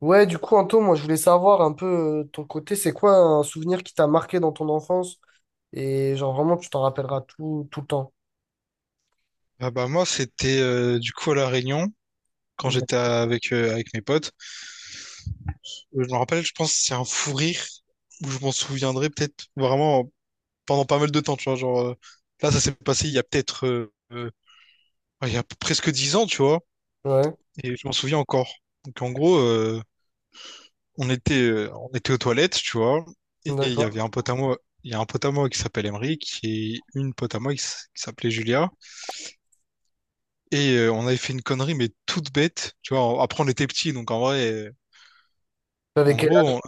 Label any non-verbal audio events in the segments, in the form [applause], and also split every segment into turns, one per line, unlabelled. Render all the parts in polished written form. Ouais, du coup, Anto, moi, je voulais savoir un peu ton côté. C'est quoi un souvenir qui t'a marqué dans ton enfance et genre vraiment tu t'en rappelleras tout, tout le temps?
Ah bah moi c'était du coup à La Réunion quand j'étais
D'ac-
avec avec mes potes. Je me rappelle, je pense que c'est un fou rire où je m'en souviendrai peut-être vraiment pendant pas mal de temps, tu vois, genre, là ça s'est passé il y a peut-être ouais, il y a presque 10 ans, tu vois,
Ouais,
et je m'en souviens encore. Donc en gros, on était aux toilettes, tu vois, et
d'accord.
il y a un pote à moi qui s'appelle Emeric et une pote à moi qui s'appelait Julia et on avait fait une connerie mais toute bête, tu vois. Après on était petits donc en vrai
Avec
En
quel âge?
gros,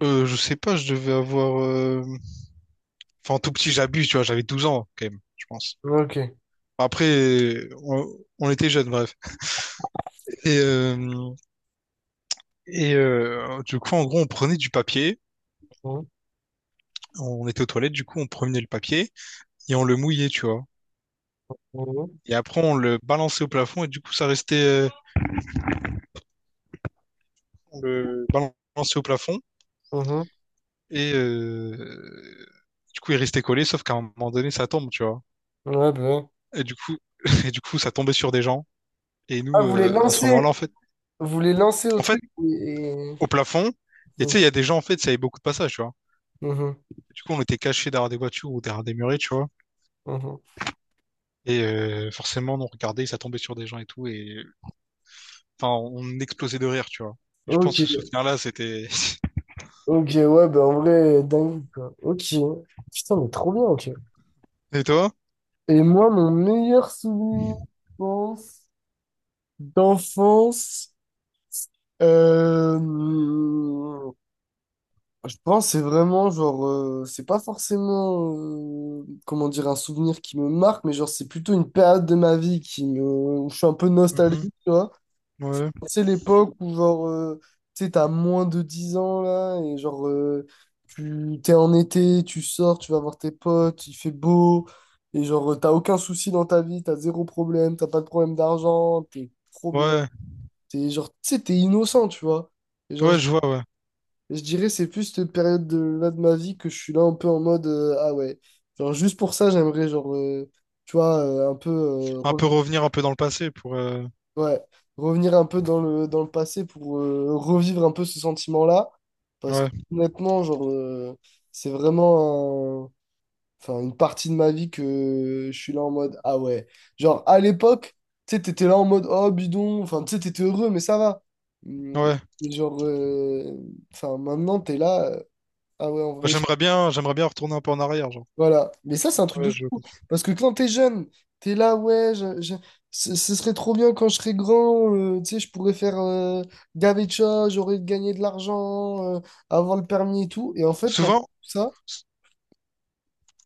je sais pas, je devais avoir... Enfin, tout petit, j'abuse, tu vois, j'avais 12 ans, quand même, je pense.
Ok.
Après, on, on était jeunes, bref. Et, euh, du coup, on prenait du papier,
Mhm.
on était aux toilettes, du coup, on prenait le papier et on le mouillait, tu vois.
Mhm.
Et après, on le balançait au plafond et du coup, ça restait... on le balançait au plafond
Mhm.
et du coup, il restait collé, sauf qu'à un moment donné, ça tombe, tu vois.
Ouais, bah ouais.
Et du coup, [laughs] et du coup, ça tombait sur des gens. Et
Ah,
nous, à ce moment-là, en fait,
vous les lancez au
en fait,
truc et-
au plafond. Et tu
donc,
sais, il y a des gens, en fait, ça avait beaucoup de passages, tu vois.
mhm,
Du coup, on était cachés derrière des voitures ou derrière des murets, tu vois.
mhm.
Et forcément, on regardait, ça tombait sur des gens et tout. Enfin, on explosait de rire, tu vois. Et je pense que ce
Ok,
souvenir-là, c'était... [laughs]
ok, ouais, bah en vrai, dingue, quoi. Ok, putain, mais trop bien, ok.
Et toi?
Et moi, mon meilleur souvenir, je pense, d'enfance... Euh, je pense que c'est vraiment genre, c'est pas forcément, comment dire, un souvenir qui me marque, mais genre c'est plutôt une période de ma vie qui me, où je suis un peu nostalgique,
Mhm.
tu vois.
Ouais,
C'est l'époque où genre, tu sais, t'as moins de 10 ans là, et genre, tu t'es en été, tu sors, tu vas voir tes potes, il fait beau, et genre, t'as aucun souci dans ta vie, t'as zéro problème, t'as pas de problème d'argent, t'es trop bien,
ouais,
t'es genre, tu sais, t'es innocent, tu vois. Et genre,
ouais, je vois, ouais.
je dirais c'est plus cette période de, là, de ma vie, que je suis là un peu en mode, ah ouais, genre juste pour ça j'aimerais genre, tu vois, un peu,
Un peu revenir un peu dans le passé...
ouais, revenir un peu dans le passé pour, revivre un peu ce sentiment-là, parce que
Ouais,
honnêtement genre, c'est vraiment enfin une partie de ma vie que je suis là en mode ah ouais, genre à l'époque tu sais t'étais là en mode oh bidon, enfin tu sais t'étais heureux mais ça va. Hum.
ouais.
Genre, enfin maintenant t'es là, ah ouais en vrai.
J'aimerais bien retourner un peu en arrière, genre.
Voilà. Mais ça, c'est un truc de
Ouais, je...
fou. Parce que quand t'es jeune, t'es là, ouais, ce ce serait trop bien quand je serais grand, tu sais, je pourrais faire, gaver de choses, j'aurais gagné de l'argent, avoir le permis et tout. Et en fait, pendant tout
Souvent...
ça,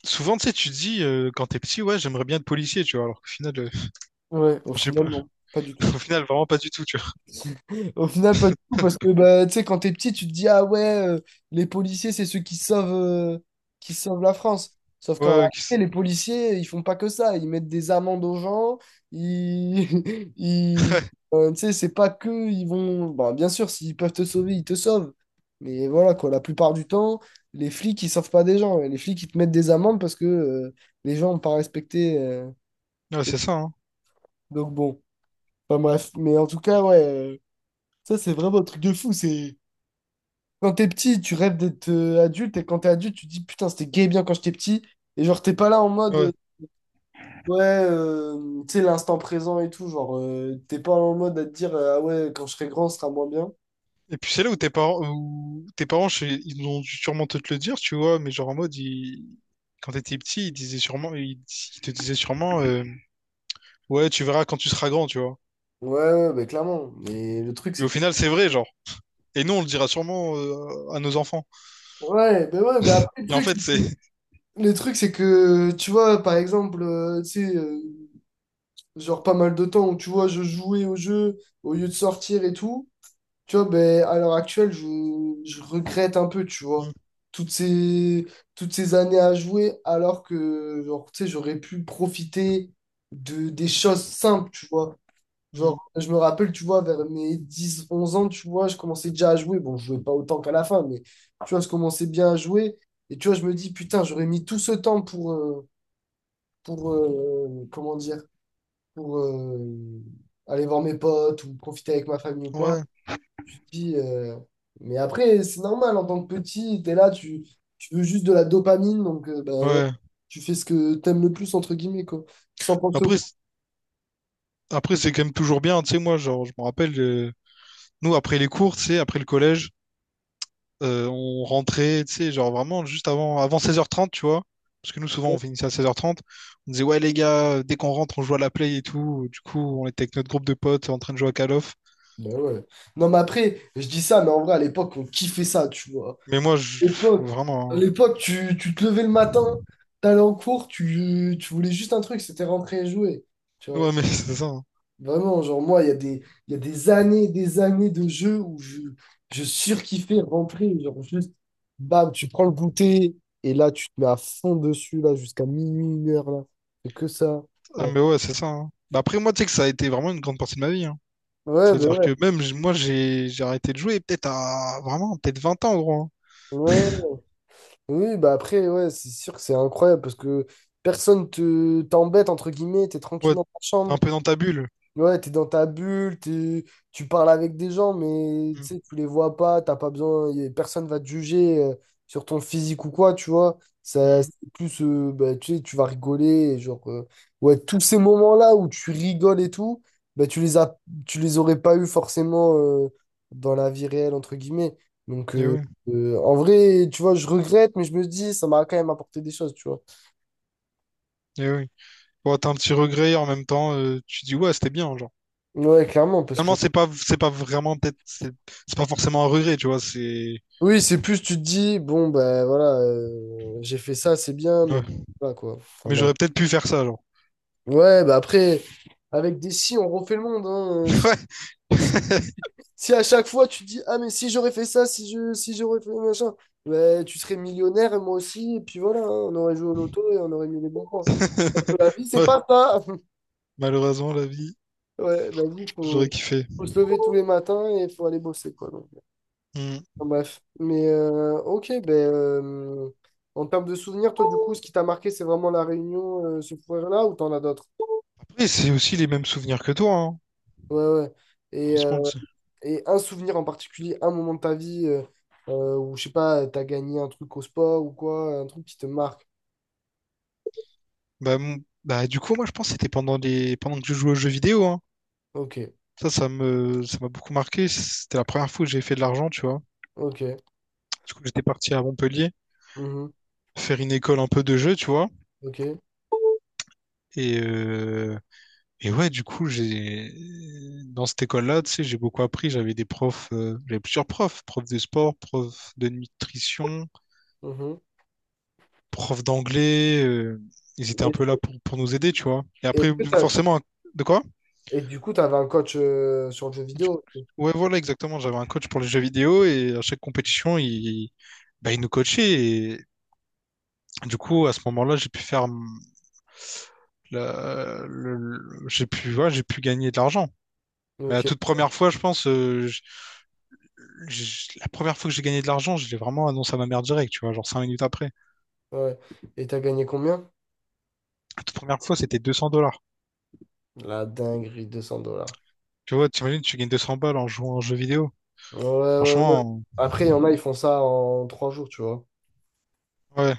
Souvent, tu sais, tu te dis quand t'es petit, ouais, j'aimerais bien être policier, tu vois, alors qu'au final...
ouais, au
[laughs] je sais
final,
pas,
non, pas du
[laughs]
tout.
au final, vraiment pas du tout, tu vois.
Au final, pas du tout, parce que bah, tu sais, quand t'es petit, tu te dis, ah ouais, les policiers, c'est ceux qui sauvent la France. Sauf
Ouais,
qu'en
ouais,
réalité,
qu'est-ce-
les policiers, ils font pas que ça. Ils mettent des amendes aux gens. Ils, [laughs] ils-
[laughs]
tu sais, c'est pas que ils vont. Bon, bien sûr, s'ils peuvent te sauver, ils te sauvent. Mais voilà, quoi, la plupart du temps, les flics, ils sauvent pas des gens. Les flics, ils te mettent des amendes parce que, les gens n'ont pas respecté.
ouais, ouais,
Les-
c'est ça, hein.
Donc bon, enfin bref. Mais en tout cas, ouais, ça, c'est vraiment un truc de fou. C'est. Quand t'es petit, tu rêves d'être, adulte, et quand t'es adulte, tu te dis putain, c'était gay bien quand j'étais petit, et genre t'es pas là en mode,
Ouais.
ouais, tu sais, l'instant présent et tout, genre, t'es pas en mode à te dire, ah ouais, quand je serai grand, ce sera moins bien.
Et puis c'est là où tes parents, ils ont dû sûrement te le dire, tu vois, mais quand t'étais petit, ils disaient ils te disaient sûrement, ouais, tu verras quand tu seras grand, tu vois.
Ouais, ouais, bah clairement, mais le truc
Et
c'est
au
que.
final, c'est vrai, genre. Et nous, on le dira sûrement à nos enfants.
Ouais, ben ouais, mais après, le
Et en
truc,
fait, c'est,
le truc c'est que tu vois, par exemple, tu sais, genre pas mal de temps où tu vois, je jouais au jeu au lieu de sortir et tout. Tu vois, ben, à l'heure actuelle, je regrette un peu, tu vois,
[laughs]
toutes ces, toutes ces années à jouer, alors que, genre, tu sais, j'aurais pu profiter de, des choses simples, tu vois.
Mm,
Genre,
mm,
je me rappelle, tu vois, vers mes 10 11 ans, tu vois, je commençais déjà à jouer. Bon, je jouais pas autant qu'à la fin, mais, tu vois, je commençais bien à jouer. Et, tu vois, je me dis, putain, j'aurais mis tout ce temps pour comment dire, pour aller voir mes potes ou profiter avec ma famille ou quoi.
ouais,
Tu te dis, mais après, c'est normal, en tant que petit, t'es là, tu veux juste de la dopamine, donc, bah, ouais,
ouais.
tu fais ce que t'aimes le plus, entre guillemets, quoi, sans penser au...
Après, c'est- après, c'est quand même toujours bien, tu sais, moi, genre, je me rappelle. Nous, après les cours, tu sais, après le collège, on rentrait, tu sais, genre vraiment juste avant, avant 16h30, tu vois. Parce que nous, souvent, on finissait à 16h30. On disait, ouais, les gars, dès qu'on rentre, on joue à la play et tout. Du coup, on était avec notre groupe de potes en train de jouer à Call of.
Ben ouais. Non, mais après, je dis ça, mais en vrai, à l'époque, on kiffait ça, tu vois.
Mais moi, je...
À l'époque,
vraiment.
tu te levais le matin, t'allais en cours, tu voulais juste un truc, c'était rentrer et jouer, tu
Hein.
vois.
Ouais, mais [laughs] c'est ça. Hein.
Vraiment, genre moi, il y a des années de jeux où je surkiffais rentrer. Genre juste, bam, tu prends le goûter et là, tu te mets à fond dessus, là, jusqu'à minuit, une heure, là. C'est que ça.
Ah,
Ouais,
mais ouais, c'est ça. Hein. Bah, après, moi, tu sais que ça a été vraiment une grande partie de ma vie. Hein.
ouais, bah
C'est-à-dire
ouais.
que même, moi, j'ai arrêté de jouer peut-être 20 ans, gros. Hein.
Ouais.
[laughs]
Oui, bah après, ouais, c'est sûr que c'est incroyable parce que personne te t'embête, entre guillemets, t'es
Ouais,
tranquille dans ta
t'es un
chambre.
peu dans ta bulle.
Ouais, t'es dans ta bulle, tu parles avec des gens, mais tu
Mm,
sais, tu les vois pas, t'as pas besoin, personne va te juger, sur ton physique ou quoi, tu vois. Ça,
mm.
c'est plus, bah, tu sais, tu vas rigoler, et genre, ouais, tous ces moments-là où tu rigoles et tout, bah, tu les as, tu les aurais pas eu forcément, dans la vie réelle, entre guillemets. Donc,
Eh oui,
en vrai, tu vois, je regrette, mais je me dis, ça m'a quand même apporté des choses, tu vois.
eh oui. Bon, t'as un petit regret et en même temps, tu dis ouais, c'était bien, genre.
Ouais, clairement, parce que
Finalement, c'est pas vraiment peut-être, c'est pas forcément un regret, tu vois, c'est.
oui, c'est plus tu te dis, bon, ben voilà, j'ai fait ça, c'est bien, mais
Ouais.
voilà quoi. Enfin,
Mais
bref.
j'aurais peut-être pu faire ça, genre.
Ouais, bah après, avec des si, on refait le monde, hein. Si-
[laughs] Ouais.
si à chaque fois tu te dis, ah, mais si j'aurais fait ça, si j'aurais fait machin, bah, tu serais millionnaire, et moi aussi, et puis voilà, hein, on aurait joué au loto et on aurait mis les bons points. La
[laughs]
vie, c'est
Ouais.
pas ça. [laughs]
Malheureusement, la vie,
Ouais, la vie,
j'aurais kiffé.
faut se lever tous les matins et faut aller bosser quoi. Donc,
Hmm.
enfin, bref. Mais ok, ben, en termes de souvenirs, toi, du coup, ce qui t'a marqué, c'est vraiment la réunion, ce foyer-là, ou t'en as d'autres?
Après, c'est aussi les mêmes souvenirs que toi, hein.
Ouais, ouais. Et,
Franchement,
euh,
tu sais.
et un souvenir en particulier, un moment de ta vie, où, je sais pas, t'as gagné un truc au sport ou quoi, un truc qui te marque.
bah, mon- bah du coup, moi, je pense que c'était pendant que je jouais aux jeux vidéo, hein.
Ok,
Ça, ça m'a beaucoup marqué. C'était la première fois que j'ai fait de l'argent, tu vois.
ok,
Du coup, j'étais parti à Montpellier
mhm,
faire une école un peu de jeu, tu vois.
ok,
Et, euh, Et ouais, du coup, j'ai dans cette école-là, tu sais, j'ai beaucoup appris. J'avais plusieurs profs, profs de sport, profs de nutrition,
mhm.
profs d'anglais. Ils étaient un peu là
Et,
pour nous aider, tu vois. Et
est-ce
après,
que
forcément, de quoi?
et du coup, t'avais un coach, sur le jeu
Du-
vidéo.
Ouais, voilà, exactement. J'avais un coach pour les jeux vidéo et à chaque compétition, bah, il nous coachait. Et du coup, à ce moment-là, j'ai pu faire la- le- j'ai pu, ouais, j'ai pu gagner de l'argent. Mais la
Ok,
toute première fois, la première fois que j'ai gagné de l'argent, je l'ai vraiment annoncé à ma mère direct, tu vois, genre 5 minutes après.
ouais. Et t'as gagné combien?
La toute première fois, c'était 200 dollars.
La dinguerie, 200 dollars.
Tu vois, t'imagines, tu gagnes 200 balles en jouant à un jeu vidéo.
Ouais, ouais, ouais.
Franchement,
Après, il y en a, ils font ça en 3 jours, tu vois.
ouais.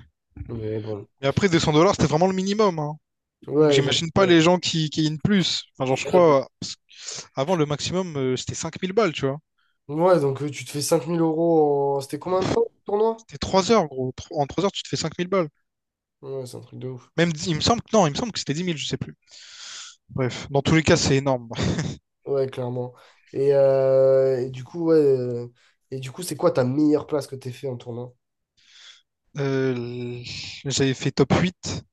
Mais bon.
Et après, 200 dollars, c'était vraiment le minimum, hein. Donc
Ouais, genre,
j'imagine pas les gens qui gagnent plus. Enfin, genre, je crois, parce que avant, le maximum, c'était 5000 balles, tu vois.
ouais, donc, tu te fais 5 000 euros en... C'était combien de temps, le tournoi?
C'était 3 heures, gros. En 3 heures, tu te fais 5000 balles.
Ouais, c'est un truc de ouf.
Il me semble que, non, il me semble que c'était 10 000. Je sais plus. Bref, dans tous les cas, c'est énorme. [laughs]
Ouais, clairement. Et du coup, ouais, et du coup, c'est quoi ta meilleure place que t'es fait en tournoi?
Euh, J'avais fait top 8.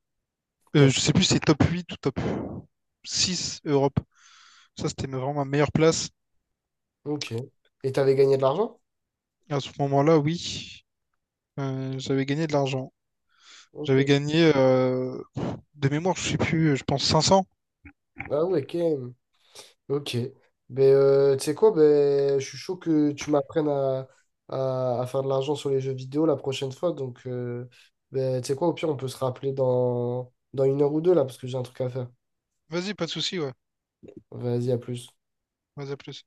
Top.
Je sais plus si c'est top 8 ou top 6 Europe. Ça, c'était vraiment ma meilleure place.
Ok. Et t'avais gagné de l'argent?
Et à ce moment-là, oui, j'avais gagné de l'argent.
Ok.
J'avais gagné, de mémoire, je sais plus, je pense 500.
Ah ouais, ok. Ok. Ben, tu sais quoi, ben, je suis chaud que tu m'apprennes à faire de l'argent sur les jeux vidéo la prochaine fois. Donc, ben, tu sais quoi, au pire, on peut se rappeler dans une heure ou deux, là, parce que j'ai un truc à faire.
Vas-y, pas de souci, ouais.
Vas-y, à plus.
Vas-y, à plus.